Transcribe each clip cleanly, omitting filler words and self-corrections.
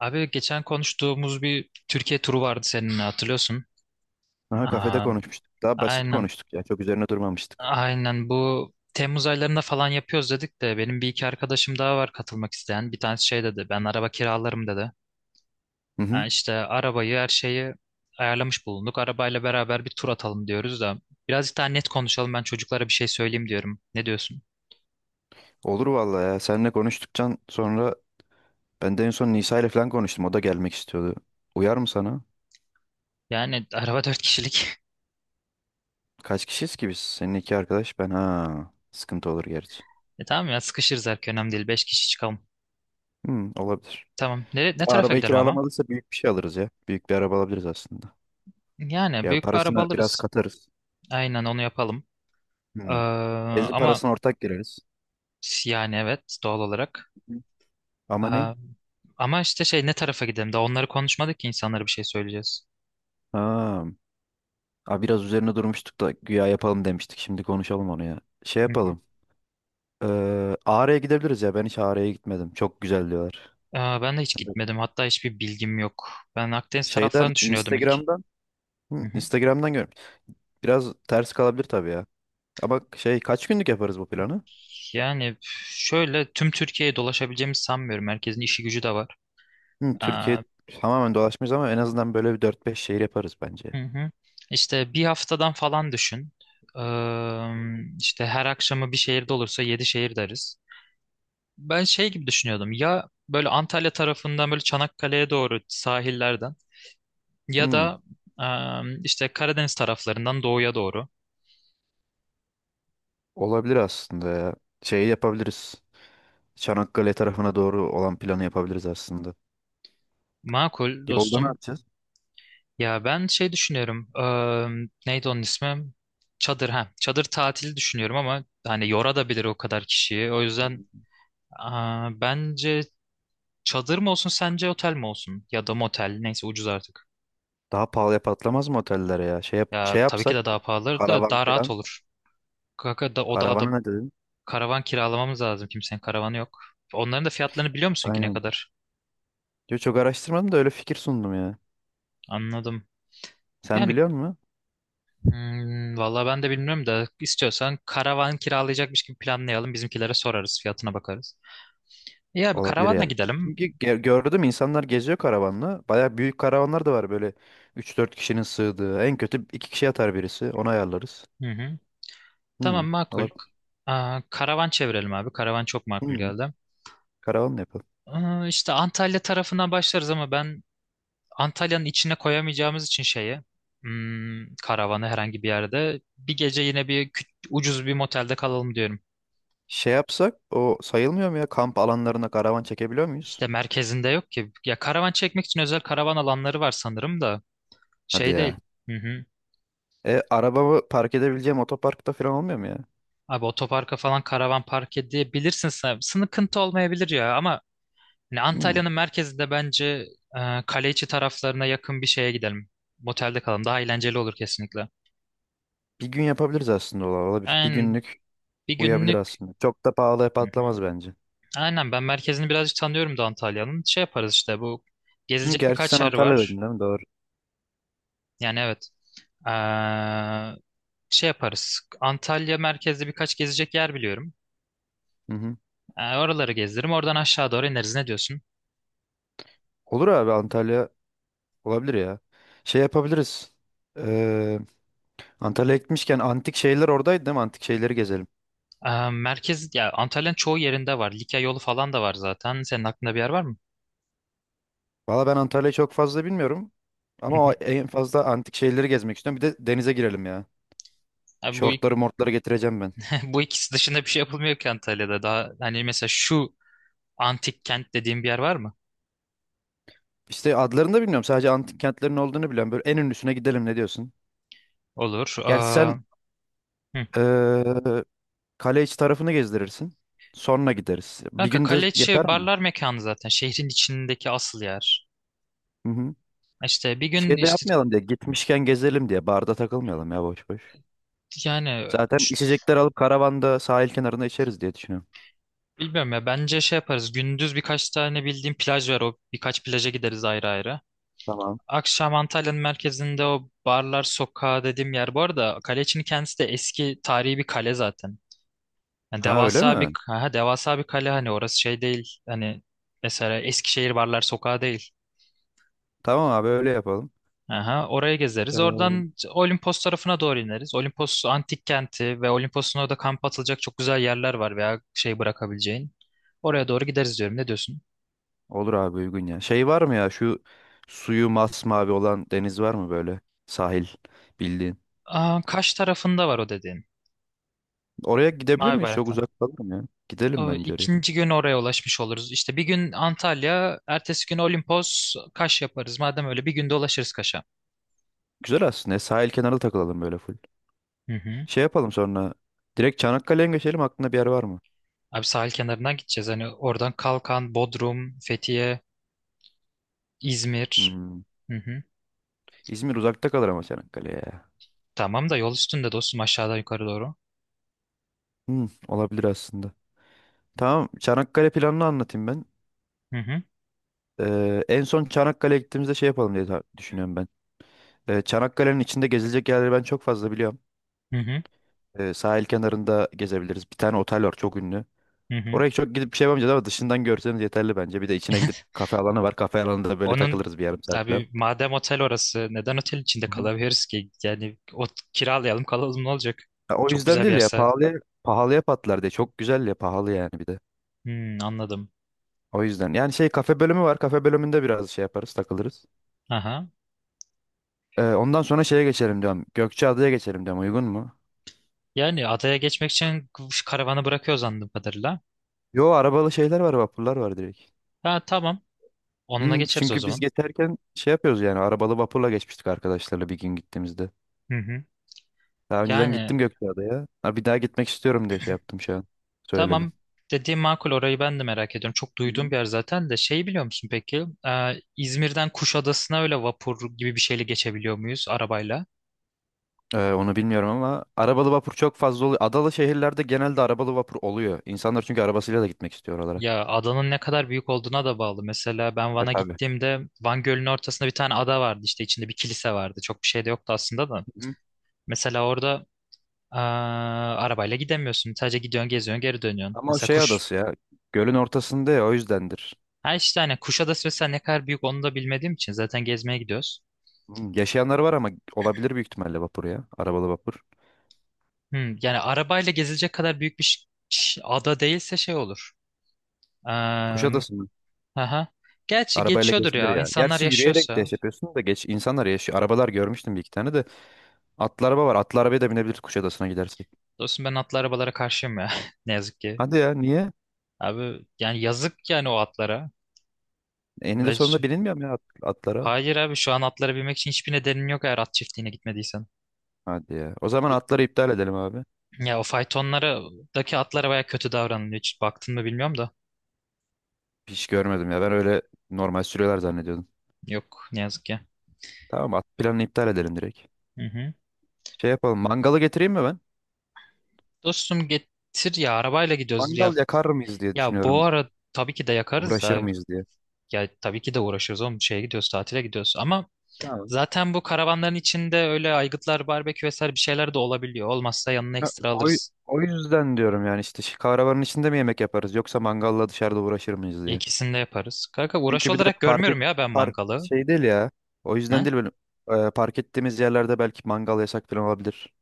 Abi geçen konuştuğumuz bir Türkiye turu vardı seninle hatırlıyorsun. Aha, kafede Aa, konuşmuştuk. Daha basit aynen konuştuk ya. Çok üzerine durmamıştık. aynen bu Temmuz aylarında falan yapıyoruz dedik de benim bir iki arkadaşım daha var katılmak isteyen. Bir tanesi şey dedi ben araba kiralarım dedi. Hı Ha, hı. işte arabayı her şeyi ayarlamış bulunduk. Arabayla beraber bir tur atalım diyoruz da birazcık daha net konuşalım ben çocuklara bir şey söyleyeyim diyorum. Ne diyorsun? Olur vallahi ya. Seninle konuştuktan sonra ben de en son Nisa ile falan konuştum. O da gelmek istiyordu. Uyar mı sana? Yani araba dört kişilik. Kaç kişiyiz ki biz? Senin iki arkadaş, ben, ha. Sıkıntı olur gerçi. E tamam ya sıkışırız erken önemli değil. Beş kişi çıkalım. Hı, olabilir. Tamam. Ne Daha tarafa arabayı gidelim ama? kiralamadıysa büyük bir şey alırız ya. Büyük bir araba alabiliriz aslında. Yani Yani büyük bir araba parasını biraz alırız. katarız. Aynen onu yapalım. Ee, Hı. Benzin ama parasına ortak gireriz. yani evet doğal olarak. Hı hı. Ama ne? Ee, ama işte şey ne tarafa gidelim? Daha onları konuşmadık ki insanlara bir şey söyleyeceğiz. Ha. Aa, biraz üzerine durmuştuk da güya yapalım demiştik. Şimdi konuşalım onu ya. Şey Hı hı. yapalım. Ağrı'ya gidebiliriz ya. Ben hiç Ağrı'ya gitmedim. Çok güzel diyorlar. Ben de hiç Evet. gitmedim. Hatta hiçbir bilgim yok. Ben Akdeniz Şeyden taraflarını düşünüyordum ilk. Instagram'dan, hı, Hı hı. Instagram'dan görmüş. Biraz ters kalabilir tabii ya. Ama şey, kaç günlük yaparız bu planı? Yani şöyle tüm Türkiye'ye dolaşabileceğimi sanmıyorum. Herkesin işi gücü de var. Hı, Ee, Türkiye tamamen dolaşmayız ama en azından böyle bir dört beş şehir yaparız hı bence. hı. İşte bir haftadan falan düşün. İşte her akşamı bir şehirde olursa yedi şehir deriz. Ben şey gibi düşünüyordum ya böyle Antalya tarafından böyle Çanakkale'ye doğru sahillerden ya Hı, da işte Karadeniz taraflarından doğuya doğru. olabilir aslında ya. Şeyi yapabiliriz. Çanakkale tarafına doğru olan planı yapabiliriz aslında. Makul Yolda ne dostum. yapacağız? Ya ben şey düşünüyorum. Neydi onun ismi? Çadır ha. Çadır tatili düşünüyorum ama hani yora da bilir o kadar kişiyi. O yüzden bence çadır mı olsun sence otel mi olsun ya da motel neyse ucuz artık. Daha pahalıya patlamaz mı otellere ya? Şey, Ya şey tabii ki yapsak de daha pahalı da karavan daha rahat falan. olur. Kanka da o da Karavana ne dedin? karavan kiralamamız lazım. Kimsenin karavanı yok. Onların da fiyatlarını biliyor musun ki ne Aynen. kadar? Yo, çok araştırmadım da öyle fikir sundum ya. Anladım. Sen Yani biliyor musun? Vallahi ben de bilmiyorum da istiyorsan karavan kiralayacakmış gibi planlayalım. Bizimkilere sorarız, fiyatına bakarız. İyi abi Olabilir karavanla yani. gidelim. Çünkü gördüm insanlar geziyor karavanla. Baya büyük karavanlar da var böyle, üç dört kişinin sığdığı. En kötü 2 kişi yatar birisi. Onu ayarlarız. Hı hı. Tamam Hmm, makul. olabilir. Aa, karavan çevirelim abi. Karavan çok makul Hmm, geldi. karavan yapalım. Aa, işte Antalya tarafından başlarız ama ben Antalya'nın içine koyamayacağımız için şeyi karavanı herhangi bir yerde bir gece yine bir ucuz bir motelde kalalım diyorum. Şey yapsak o sayılmıyor mu ya? Kamp alanlarına karavan çekebiliyor muyuz? İşte merkezinde yok ki. Ya karavan çekmek için özel karavan alanları var sanırım da Hadi şey değil. ya. Hı hı. E, arabamı park edebileceğim otoparkta falan olmuyor mu ya? Abi otoparka falan karavan park edebilirsin sen. Sıkıntı olmayabilir ya ama hani Hmm, Antalya'nın merkezinde bence kale içi taraflarına yakın bir şeye gidelim. Motelde kalalım. Daha eğlenceli olur kesinlikle. bir gün yapabiliriz aslında, olabilir. Bir Yani günlük bir uyabilir günlük. aslında. Çok da pahalıya Hı hı. patlamaz bence. Aynen ben merkezini birazcık tanıyorum da Antalya'nın. Şey yaparız işte bu Hı, gezilecek gerçi sen birkaç yer var. Antalya'daydın değil mi? Doğru. Yani evet. Ee, şey yaparız. Antalya merkezde birkaç gezecek yer biliyorum. Hı hı. Oraları gezdiririm. Oradan aşağı doğru ineriz. Ne diyorsun? Olur abi, Antalya olabilir ya. Şey yapabiliriz. Ee, Antalya'ya gitmişken antik şeyler oradaydı değil mi? Antik şeyleri gezelim. Merkez ya Antalya'nın çoğu yerinde var. Likya yolu falan da var zaten. Senin aklında bir yer var mı? Valla ben Antalya'yı çok fazla bilmiyorum. Hı Ama o hı. en fazla antik şeyleri gezmek istiyorum. Bir de denize girelim ya. Abi Şortları mortları getireceğim ben. bu ikisi dışında bir şey yapılmıyor ki Antalya'da. Daha hani mesela şu antik kent dediğim bir yer var mı? İşte adlarını da bilmiyorum. Sadece antik kentlerin olduğunu biliyorum. Böyle en ünlüsüne gidelim, ne diyorsun? Olur. Ee, Gerçi sen hı. ee, kale içi tarafını gezdirirsin. Sonra gideriz. Bir Kanka günde kale içi yeter mi? barlar mekanı zaten. Şehrin içindeki asıl yer. Hı hı. İşte bir gün Şey de işte yapmayalım diye. Gitmişken gezelim diye. Barda takılmayalım ya boş boş. yani Zaten içecekler alıp karavanda sahil kenarında içeriz diye düşünüyorum. bilmiyorum ya bence şey yaparız. Gündüz birkaç tane bildiğim plaj var. O birkaç plaja gideriz ayrı ayrı. Tamam. Akşam Antalya'nın merkezinde o barlar sokağı dediğim yer. Bu arada kale içini kendisi de eski tarihi bir kale zaten. Yani Ha, öyle devasa bir mi? Devasa bir kale hani orası şey değil. Hani mesela Eskişehir Barlar Sokağı değil. Tamam abi, öyle yapalım. Aha, oraya gezeriz. Oradan Ee, Olimpos tarafına doğru ineriz. Olimpos antik kenti ve Olimpos'un orada kamp atılacak çok güzel yerler var veya şey bırakabileceğin. Oraya doğru gideriz diyorum. Ne diyorsun? Olur abi, uygun ya. Şey, var mı ya şu suyu masmavi olan deniz, var mı böyle sahil bildiğin? Aa, Kaş tarafında var o dediğin. Oraya gidebilir Mavi miyiz? Çok bayraklı. uzak kalır mı ya? Gidelim O, bence oraya. ikinci gün oraya ulaşmış oluruz. İşte bir gün Antalya, ertesi gün Olimpos, Kaş yaparız. Madem öyle bir günde ulaşırız Kaş'a. Güzel aslında. Ya, sahil kenarı takılalım böyle full. Hı hı. Şey yapalım sonra. Direkt Çanakkale'ye mi geçelim? Aklında bir yer var mı? Abi sahil kenarından gideceğiz. Hani oradan Kalkan, Bodrum, Fethiye, İzmir. Hmm. Hı hı. İzmir uzakta kalır ama Çanakkale'ye ya. Tamam da yol üstünde dostum aşağıdan yukarı doğru. Hmm, olabilir aslında. Tamam. Çanakkale planını anlatayım ben. Hı hı. En son Çanakkale'ye gittiğimizde şey yapalım diye düşünüyorum ben. Çanakkale'nin içinde gezilecek yerleri ben çok fazla biliyorum. Hı hı. Sahil kenarında gezebiliriz. Bir tane otel var, çok ünlü. Hı hı. Oraya çok gidip bir şey yapamayacağız ama dışından görseniz yeterli bence. Bir de içine gidip, kafe alanı var. Kafe alanında böyle Onun takılırız bir yarım saat falan. abi madem otel orası neden otel içinde Hı hı. kalabiliriz ki? Yani o kiralayalım kalalım ne olacak? Ya o Çok yüzden güzel bir değil ya, yerse. pahalıya patlar diye. Çok güzel ya, pahalı yani bir de. Anladım. O yüzden. Yani şey, kafe bölümü var. Kafe bölümünde biraz şey yaparız, takılırız. Aha. Ondan sonra şeye geçelim diyorum. Gökçeada'ya geçelim diyorum. Uygun mu? Yani adaya geçmek için şu karavanı bırakıyor anladığım kadarıyla. Yo, arabalı şeyler var, vapurlar var direkt. Ha tamam. Onunla Hmm, geçeriz o çünkü biz zaman. geçerken şey yapıyoruz yani, arabalı vapurla geçmiştik arkadaşlarla bir gün gittiğimizde. Hı hı. Daha önceden Yani gittim Gökçeada'ya. Ha, bir daha gitmek istiyorum diye şey yaptım şu an. Söyledim. tamam dediğim makul orayı ben de merak ediyorum. Çok Hı duyduğum hı. bir yer zaten de şeyi biliyor musun peki? İzmir'den Kuşadası'na öyle vapur gibi bir şeyle geçebiliyor muyuz arabayla? Onu bilmiyorum ama arabalı vapur çok fazla oluyor. Adalı şehirlerde genelde arabalı vapur oluyor. İnsanlar çünkü arabasıyla da gitmek istiyor oralara. Ya adanın ne kadar büyük olduğuna da bağlı. Mesela ben E Van'a tabii. gittiğimde Van Gölü'nün ortasında bir tane ada vardı işte içinde bir kilise vardı. Çok bir şey de yoktu aslında da. Hı hı. Mesela orada arabayla gidemiyorsun. Sadece gidiyorsun, geziyorsun, geri dönüyorsun. Ama o Mesela şey kuş. adası ya. Gölün ortasında ya, o yüzdendir. Ha işte hani Kuşadası mesela ne kadar büyük onu da bilmediğim için zaten gezmeye gidiyoruz. Hmm. Yaşayanlar var, ama olabilir büyük ihtimalle vapur ya. Arabalı vapur. Yani arabayla gezilecek kadar büyük bir ada değilse şey olur. Aa, Kuşadası aha. Gerçi arabayla geçiyordur gezilir ya. ya. İnsanlar Gerçi yürüyerek de yaşıyorsa. şey yapıyorsun da, geç, insanlar yaşıyor. Arabalar görmüştüm bir iki tane de. Atlı araba var. Atlı arabaya da binebiliriz Kuşadası'na gidersek. Dostum ben atlı arabalara karşıyım ya. Ne yazık ki. Hadi ya, niye? Abi yani yazık yani o atlara. Eninde sonunda Ve- bilinmiyor mu ya atlara? Hayır abi şu an atlara binmek için hiçbir nedenin yok eğer at çiftliğine gitmediysen. Hadi ya. O zaman atları iptal edelim abi. Ya o faytonlardaki atlara baya kötü davranılıyor. Hiç baktın mı bilmiyorum da. Hiç görmedim ya. Ben öyle normal sürüyorlar zannediyordum. Yok ne yazık ki. Tamam, at planını iptal edelim direkt. Hı hı. Şey yapalım. Mangalı getireyim mi ben? Dostum getir ya arabayla gidiyoruz. Ya, Mangal yakar mıyız diye ya bu düşünüyorum. ara tabii ki de yakarız Uğraşır da. mıyız diye. Ya tabii ki de uğraşıyoruz oğlum. Şeye gidiyoruz tatile gidiyoruz. Ama Tamam. zaten bu karavanların içinde öyle aygıtlar, barbekü vesaire bir şeyler de olabiliyor. Olmazsa yanına Ya, ekstra O, alırız. o yüzden diyorum yani, işte şu kahrabanın içinde mi yemek yaparız yoksa mangalla dışarıda uğraşır mıyız diye. İkisini de yaparız. Kanka uğraş Çünkü bir de olarak park et, görmüyorum ya ben park mangalı. şey değil ya. O yüzden, Ha? değil böyle, park ettiğimiz yerlerde belki mangal yasak falan olabilir.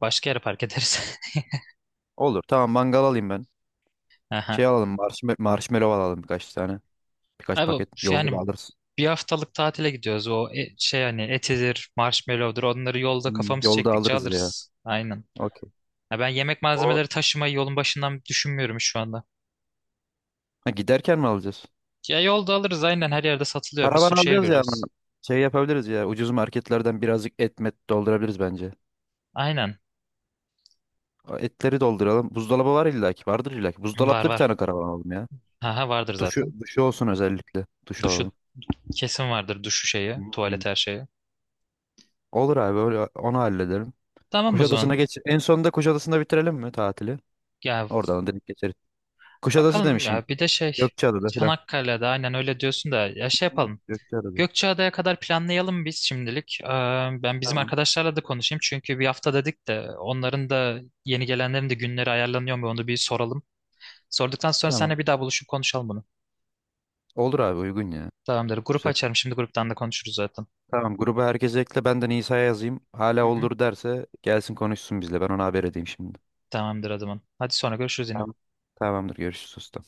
Başka yere park ederiz. Olur, tamam, mangal alayım ben. Aha. Şey alalım, marshmallow alalım birkaç tane. Birkaç Abi paket. Yolda da yani alırız. bir haftalık tatile gidiyoruz. O şey hani etidir, marshmallow'dur onları yolda Hmm, kafamız yolda çektikçe alırız ya. alırız. Aynen. Okey. Ya ben yemek O, malzemeleri taşımayı yolun başından düşünmüyorum şu anda. ha, giderken mi alacağız? Ya yolda alırız aynen her yerde satılıyor. Bir Paravan sürü şehir alacağız ya, göreceğiz. ama şey yapabiliriz ya. Ucuz marketlerden birazcık et met doldurabiliriz bence. Aynen. O etleri dolduralım. Buzdolabı var illaki. Vardır illaki. Var Buzdolaplı bir var. tane karavan alalım ya. Haha vardır Duşu, zaten. duşu olsun özellikle. Duş Duşu alalım. kesin vardır duşu şeyi, Hmm. tuvalet her şeyi. Olur abi, öyle onu halledelim. Tamam o Kuşadası'na zaman. geç. En sonunda Kuşadası'nda bitirelim mi tatili? Ya Oradan da direkt geçeriz. Kuşadası bakalım demişim. ya bir de şey Gökçeada'da falan. Çanakkale'de aynen öyle diyorsun da ya şey Hı, yapalım. Gökçeada'da. Gökçeada'ya kadar planlayalım biz şimdilik. Ben bizim Tamam. arkadaşlarla da konuşayım çünkü bir hafta dedik de onların da yeni gelenlerin de günleri ayarlanıyor mu onu bir soralım. Sorduktan sonra Tamam. seninle bir daha buluşup konuşalım bunu. Olur abi, uygun ya. Tamamdır. Grup Güzel. açarım şimdi gruptan da konuşuruz zaten. Tamam, gruba herkese ekle. Ben de Nisa'ya yazayım. Hala Hı hı. olur derse gelsin konuşsun bizle. Ben ona haber edeyim şimdi. Tamamdır adamın. Hadi sonra görüşürüz yine. Tamam. Tamamdır, görüşürüz usta.